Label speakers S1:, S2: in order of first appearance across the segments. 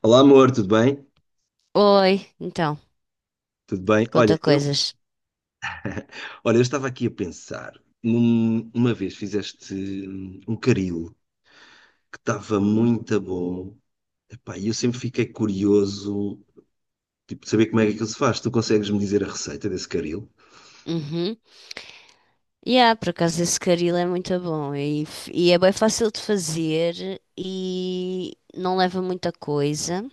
S1: Olá, amor, tudo bem?
S2: Oi, então,
S1: Tudo bem?
S2: conta coisas.
S1: Olha, eu estava aqui a pensar. Uma vez fizeste um caril que estava muito bom. Epá, e eu sempre fiquei curioso, tipo, de saber como é que aquilo se faz. Tu consegues me dizer a receita desse caril?
S2: Uhum. Yeah, por acaso esse caril é muito bom e é bem fácil de fazer e não leva muita coisa.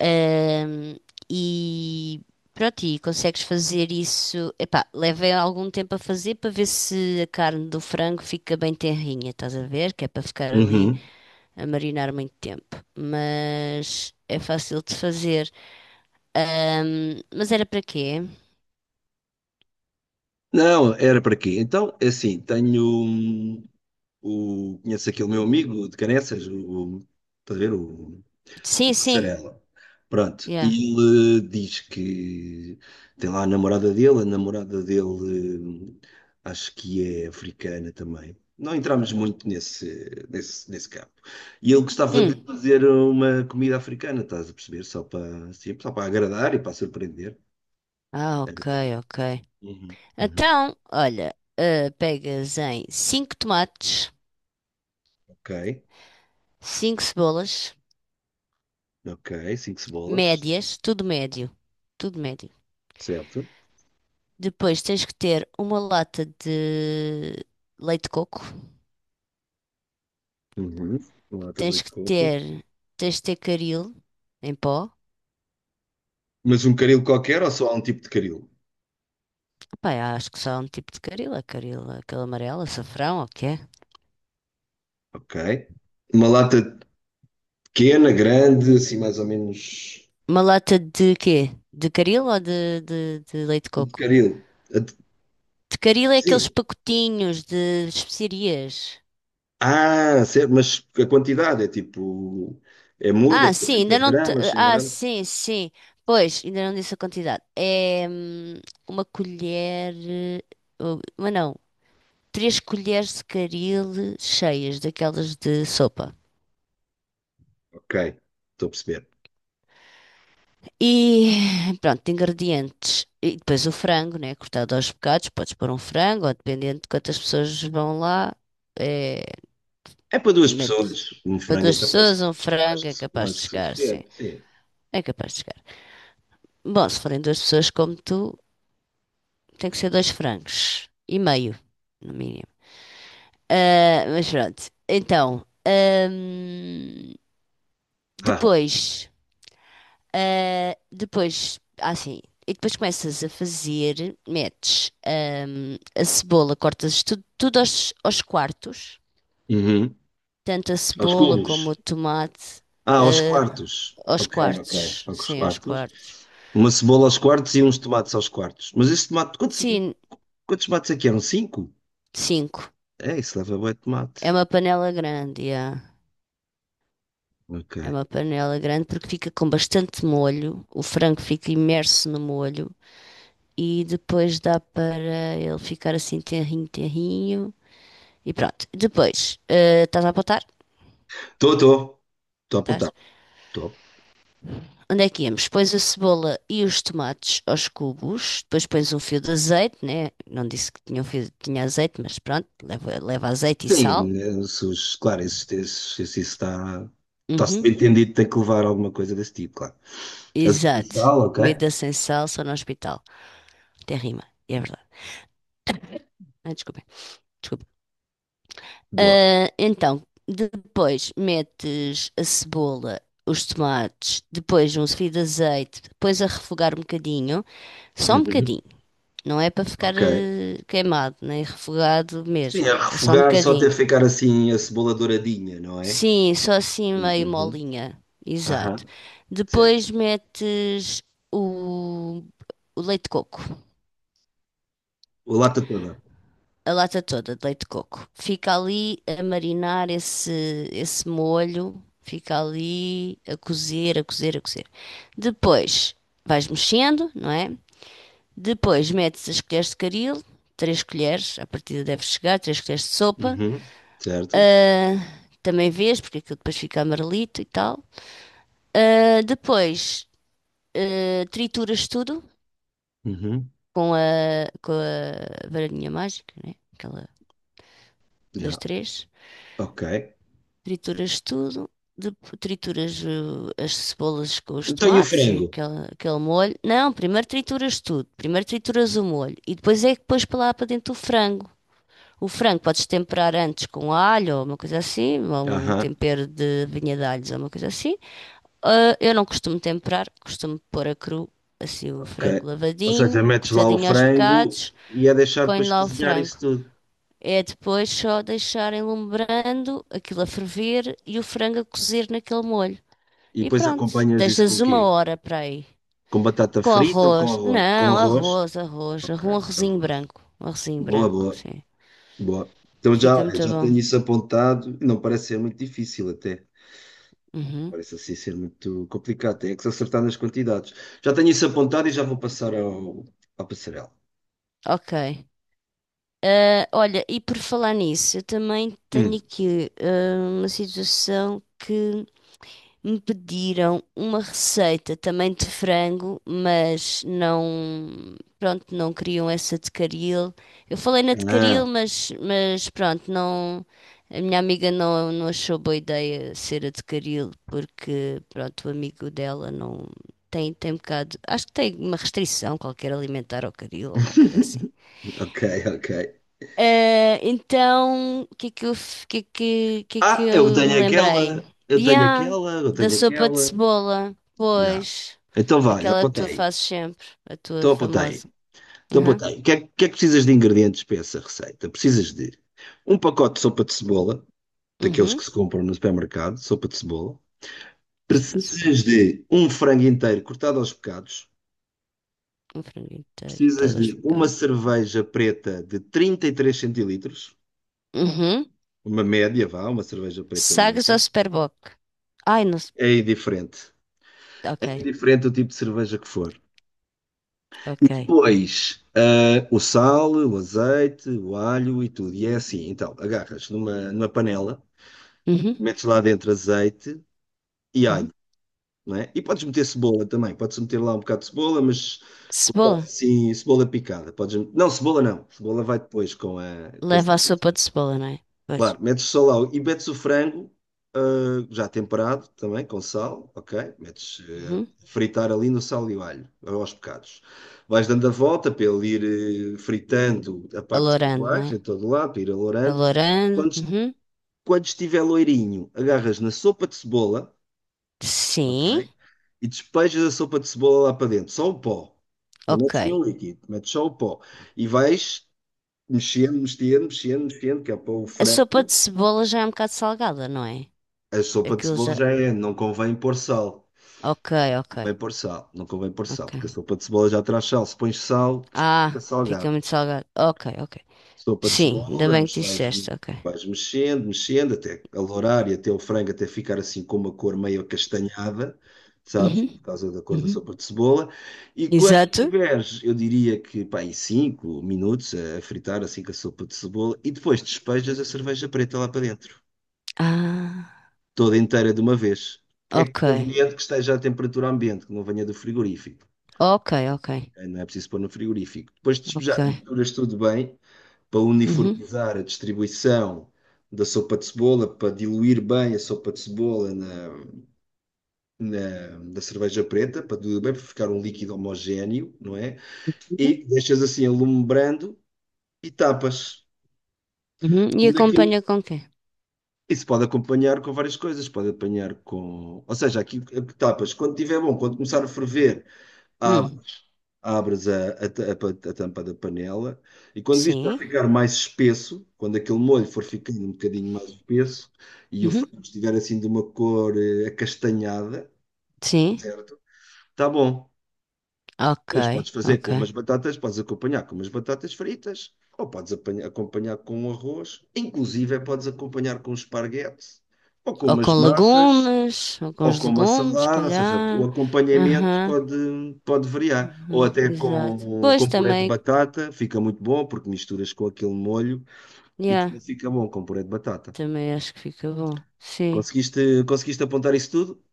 S2: Ahm, e pronto, e consegues fazer isso. Epá, leva algum tempo a fazer para ver se a carne do frango fica bem tenrinha, estás a ver? Que é para ficar ali
S1: Uhum.
S2: a marinar muito tempo. Mas é fácil de fazer. Mas era para quê?
S1: Não, era para quê? Então, é assim, tenho o. Conheço aquele meu amigo de Caneças, o. Estás a ver? O
S2: Sim, sim.
S1: Passarela. Pronto,
S2: Yeah.
S1: ele diz que tem lá a namorada dele, acho que é africana também. Não entramos muito nesse campo. E ele gostava de
S2: Hum.
S1: fazer uma comida africana, estás a perceber? Só para agradar e para surpreender.
S2: Ah,
S1: Era
S2: ok,
S1: para-
S2: ok.
S1: Uhum, uhum.
S2: Então, olha, pegas em 5 tomates,
S1: Ok,
S2: cinco cebolas,
S1: ok, cinco cebolas,
S2: médias, tudo médio, tudo médio.
S1: certo.
S2: Depois tens que ter uma lata de leite de coco,
S1: Uhum. Uma lata de
S2: tens
S1: leite de
S2: que
S1: coco.
S2: ter, tens de ter caril em pó.
S1: Mas um caril qualquer ou só há um tipo de caril?
S2: Epá, eu acho que só há um tipo de caril, é caril, aquele amarelo, açafrão, ou o que é?
S1: Ok. Uma lata pequena, grande, assim mais ou menos.
S2: Uma lata de quê? De caril ou de leite de
S1: A de
S2: coco?
S1: caril. A de-
S2: Tecaril é aqueles
S1: Sim.
S2: pacotinhos de especiarias.
S1: Ah, certo, mas a quantidade é tipo. É muita,
S2: Ah, sim, ainda
S1: 400
S2: não te...
S1: gramas, 100
S2: Ah,
S1: gramas.
S2: sim, sim. Pois, ainda não disse a quantidade. É uma colher. Oh, Mas não. Três colheres de caril cheias, daquelas de sopa.
S1: Ok, estou a perceber.
S2: E pronto, ingredientes. E depois o frango, né? Cortado aos bocados. Podes pôr um frango, ou dependendo de quantas pessoas vão lá. É,
S1: É para duas pessoas.
S2: metes
S1: Um
S2: para
S1: frango
S2: duas
S1: é capaz de
S2: pessoas,
S1: ser
S2: um frango é capaz de
S1: mais que
S2: chegar, sim.
S1: suficiente. Sim.
S2: É capaz de chegar. Bom, se forem duas pessoas como tu, tem que ser dois francos e meio, no mínimo. Ah, mas pronto, então,
S1: Ah,
S2: depois, depois, assim, e depois começas a fazer, metes, a cebola, cortas tudo, tudo aos quartos,
S1: uhum.
S2: tanto a
S1: Aos
S2: cebola
S1: cubos.
S2: como o tomate,
S1: Ah, aos
S2: ah,
S1: quartos. Ok, ok, ok, aos
S2: aos
S1: quartos.
S2: quartos.
S1: Uma cebola aos quartos e uns tomates aos quartos. Mas esse tomate, quantos,
S2: Sim,
S1: quantos tomates é que eram? Cinco?
S2: cinco.
S1: É, isso leva bué de tomate.
S2: É uma panela grande, yeah.
S1: Ok.
S2: É uma panela grande porque fica com bastante molho, o frango fica imerso no molho e depois dá para ele ficar assim terrinho, terrinho e pronto. Depois, estás a apontar?
S1: Estou, estou. Estou a apontar.
S2: Estás?
S1: Estou.
S2: Onde é que íamos? Pões a cebola e os tomates aos cubos, depois pões um fio de azeite, né? Não disse que tinha um fio, tinha azeite, mas pronto, leva azeite e sal.
S1: Sim, se os- claro, se isso está
S2: Uhum.
S1: subentendido, tem que levar alguma coisa desse tipo, claro. Azeite e
S2: Exato.
S1: sal, ok?
S2: Comida sem sal só no hospital. Tem rima, é verdade. Ah, desculpem. Desculpem.
S1: Boa.
S2: Ah, então, depois metes a cebola, os tomates, depois um fio de azeite, depois a refogar um bocadinho, só um
S1: Uhum.
S2: bocadinho, não é para ficar
S1: Ok.
S2: queimado, nem refogado
S1: Sim, a
S2: mesmo, é só um
S1: refogar só até
S2: bocadinho.
S1: ficar assim a cebola douradinha, não é?
S2: Sim, só assim meio
S1: Uhum.
S2: molinha, exato.
S1: Aham, certo.
S2: Depois metes o, o leite de coco,
S1: O lata toda.
S2: a lata toda de leite de coco. Fica ali a marinar esse molho, fica ali a cozer, a cozer, a cozer. Depois vais mexendo, não é? Depois metes as colheres de caril, três colheres, à partida deve chegar, três colheres de sopa.
S1: Uhum. Certo.
S2: Ah, também vês, porque aquilo depois fica amarelito e tal. Ah, depois trituras tudo
S1: Uhum.
S2: com a varinha mágica, né? Aquela, dois,
S1: Yeah.
S2: três.
S1: Ok.
S2: Trituras tudo, de trituras as cebolas com os
S1: Então e o
S2: tomates e
S1: frango?
S2: aquele molho. Não, primeiro trituras tudo, primeiro trituras o molho e depois é que pões para lá para dentro o frango. O frango podes temperar antes com alho ou uma coisa assim, ou um
S1: Aham,
S2: tempero de vinha de alhos ou uma coisa assim. Ah, eu não costumo temperar, costumo pôr a cru, assim o frango
S1: ok. Ou
S2: lavadinho,
S1: seja, metes lá o
S2: cortadinho aos
S1: frango
S2: bocados,
S1: e é deixar
S2: ponho
S1: depois
S2: lá o
S1: cozinhar
S2: frango.
S1: isso tudo.
S2: É depois só deixar enlumbrando, aquilo a ferver e o frango a cozer naquele molho.
S1: E
S2: E
S1: depois
S2: pronto,
S1: acompanhas isso com
S2: deixas
S1: o
S2: uma
S1: quê?
S2: hora para aí.
S1: Com batata
S2: Com
S1: frita ou com
S2: arroz.
S1: arroz? Com
S2: Não,
S1: arroz?
S2: arroz, arroz.
S1: Ok,
S2: Um arrozinho
S1: arroz.
S2: branco. Um arrozinho
S1: Boa,
S2: branco,
S1: boa,
S2: sim.
S1: boa. Então já,
S2: Fica muito
S1: já tenho
S2: bom.
S1: isso apontado. Não parece ser muito difícil até.
S2: Uhum.
S1: Parece assim ser muito complicado. Tem é que se acertar nas quantidades. Já tenho isso apontado e já vou passar à Passarela.
S2: Ok. Ah, olha, e por falar nisso, eu também tenho
S1: Hum.
S2: aqui uma situação que me pediram uma receita também de frango, mas não, pronto, não queriam essa de caril. Eu falei na de caril,
S1: Ah,
S2: mas pronto, não, a minha amiga não, não achou boa ideia ser a de caril, porque pronto, o amigo dela não tem um bocado, acho que tem uma restrição qualquer alimentar ao caril ou uma coisa assim.
S1: ok, ok.
S2: Então, o que é que eu, f- que é que
S1: Ah, eu
S2: eu me
S1: tenho aquela,
S2: lembrei?
S1: eu tenho
S2: Yeah,
S1: aquela, eu
S2: da
S1: tenho
S2: sopa de
S1: aquela.
S2: cebola,
S1: Já.
S2: pois.
S1: Então vai,
S2: Aquela que tu
S1: apontei.
S2: fazes sempre, a tua
S1: Então apontei.
S2: famosa.
S1: Então, boa
S2: Aham,
S1: tarde. O que é que precisas de ingredientes para essa receita? Precisas de um pacote de sopa de cebola, daqueles que
S2: uhum.
S1: se compram no supermercado, sopa de cebola.
S2: Sopa de cebola,
S1: Precisas de um frango inteiro cortado aos bocados.
S2: um frango inteiro,
S1: Precisas
S2: todo as
S1: de uma
S2: bocadas.
S1: cerveja preta de 33 centilitros,
S2: Uhum.
S1: uma média, vá, uma cerveja preta
S2: Sagres ou
S1: média.
S2: superboc? Ai, não sei.
S1: É indiferente. É
S2: Ok,
S1: indiferente o tipo de cerveja que for. E
S2: ok.
S1: depois, o sal, o azeite, o alho e tudo. E é assim, então, agarras numa panela,
S2: Uhum,
S1: metes lá dentro azeite e
S2: uhum.
S1: alho, não é? E podes meter cebola também, podes meter lá um bocado de cebola, mas cortado
S2: Cebola.
S1: assim, cebola picada. Podes. Não, cebola não, cebola vai depois com a...
S2: Leva a sopa de cebola, não é? Pois.
S1: Claro, metes só lá e metes o frango já temperado também, com sal, ok? Metes ah,
S2: Uhum.
S1: fritar ali no sal e o alho, aos bocados. Vais dando a volta para ele ir fritando a parte dos
S2: Alourando, não
S1: iguais,
S2: é?
S1: em todo lado, para ir alourando.
S2: Alourando.
S1: Quando, est-
S2: Uhum.
S1: Quando estiver loirinho, agarras na sopa de cebola,
S2: Sim,
S1: ok? E despejas a sopa de cebola lá para dentro, só o pó. Não
S2: ok.
S1: metes nenhum líquido, metes só o pó. E vais mexendo, mexendo, mexendo, mexendo, que é para o
S2: A sopa
S1: frango.
S2: de cebola já é um bocado salgada, não é?
S1: A sopa de
S2: Aquilo
S1: cebola
S2: já.
S1: já é, não convém pôr sal.
S2: Ok,
S1: Não
S2: ok,
S1: convém pôr sal, não convém pôr sal,
S2: ok.
S1: porque a sopa de cebola já traz sal. Se pões sal,
S2: Ah,
S1: fica
S2: fica
S1: salgado.
S2: muito salgado. Ok, ok.
S1: Sopa de
S2: Sim, ainda
S1: cebola,
S2: bem
S1: mas
S2: que
S1: vais,
S2: disseste, ok.
S1: vais mexendo, mexendo, até alourar e até o frango até ficar assim com uma cor meio acastanhada, sabe?
S2: Uhum,
S1: Por causa da cor da
S2: uhum.
S1: sopa de cebola. E quando
S2: Exato.
S1: tiveres, eu diria que, pá, em 5 minutos a fritar assim com a sopa de cebola e depois despejas a cerveja preta lá para dentro,
S2: Ah,
S1: toda inteira de uma vez. É
S2: ok.
S1: conveniente que esteja à temperatura ambiente, que não venha do frigorífico.
S2: Ok, ok,
S1: Não é preciso pôr no frigorífico. Depois de
S2: ok.
S1: despejar, misturas tudo bem para
S2: Uhum,
S1: uniformizar a distribuição da sopa de cebola, para diluir bem a sopa de cebola na cerveja preta, para diluir bem, para ficar um líquido homogéneo, não é?
S2: uhum,
S1: E deixas assim alumbrando e tapas.
S2: uhum. E
S1: Quando é que
S2: acompanha com quê?
S1: isso pode acompanhar com várias coisas, pode apanhar com. Ou seja, aqui tapas, quando estiver bom, quando começar a ferver, há
S2: Hum,
S1: abres a ta- a pa- a tampa da panela e quando viste já
S2: sim.
S1: ficar mais espesso, quando aquele molho for ficando um bocadinho mais espesso e o
S2: Uhum,
S1: frango estiver assim de uma cor acastanhada,
S2: sim.
S1: certo? Tá bom.
S2: Ok,
S1: Pois podes fazer
S2: ok.
S1: com umas batatas, podes acompanhar com umas batatas fritas ou podes acompanhar com um arroz, inclusive é podes acompanhar com um esparguete ou com
S2: Ou com
S1: umas massas
S2: legumes, ou com
S1: ou
S2: os
S1: com uma
S2: legumes, se
S1: salada, ou seja, o
S2: calhar.
S1: acompanhamento
S2: Aham.
S1: pode variar. Ou
S2: Uhum,
S1: até
S2: exato.
S1: com,
S2: Pois
S1: com puré de
S2: também,
S1: batata, fica muito bom, porque misturas com aquele molho e
S2: yeah,
S1: também fica bom com puré de batata.
S2: também acho que fica bom. Sim.
S1: Conseguiste, conseguiste apontar isso tudo?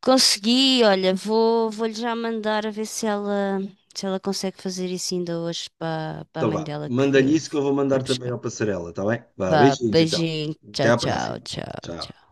S2: Consegui, olha, vou-lhe já mandar a ver se ela, consegue fazer isso ainda hoje para a
S1: Então
S2: mãe
S1: vá,
S2: dela
S1: manda-lhe
S2: que
S1: isso que eu vou
S2: vai
S1: mandar também
S2: buscar.
S1: ao Passarela, está bem? Vá,
S2: Vá,
S1: beijinhos então.
S2: beijinho,
S1: Até
S2: tchau,
S1: à
S2: tchau,
S1: próxima.
S2: tchau,
S1: Tchau.
S2: tchau.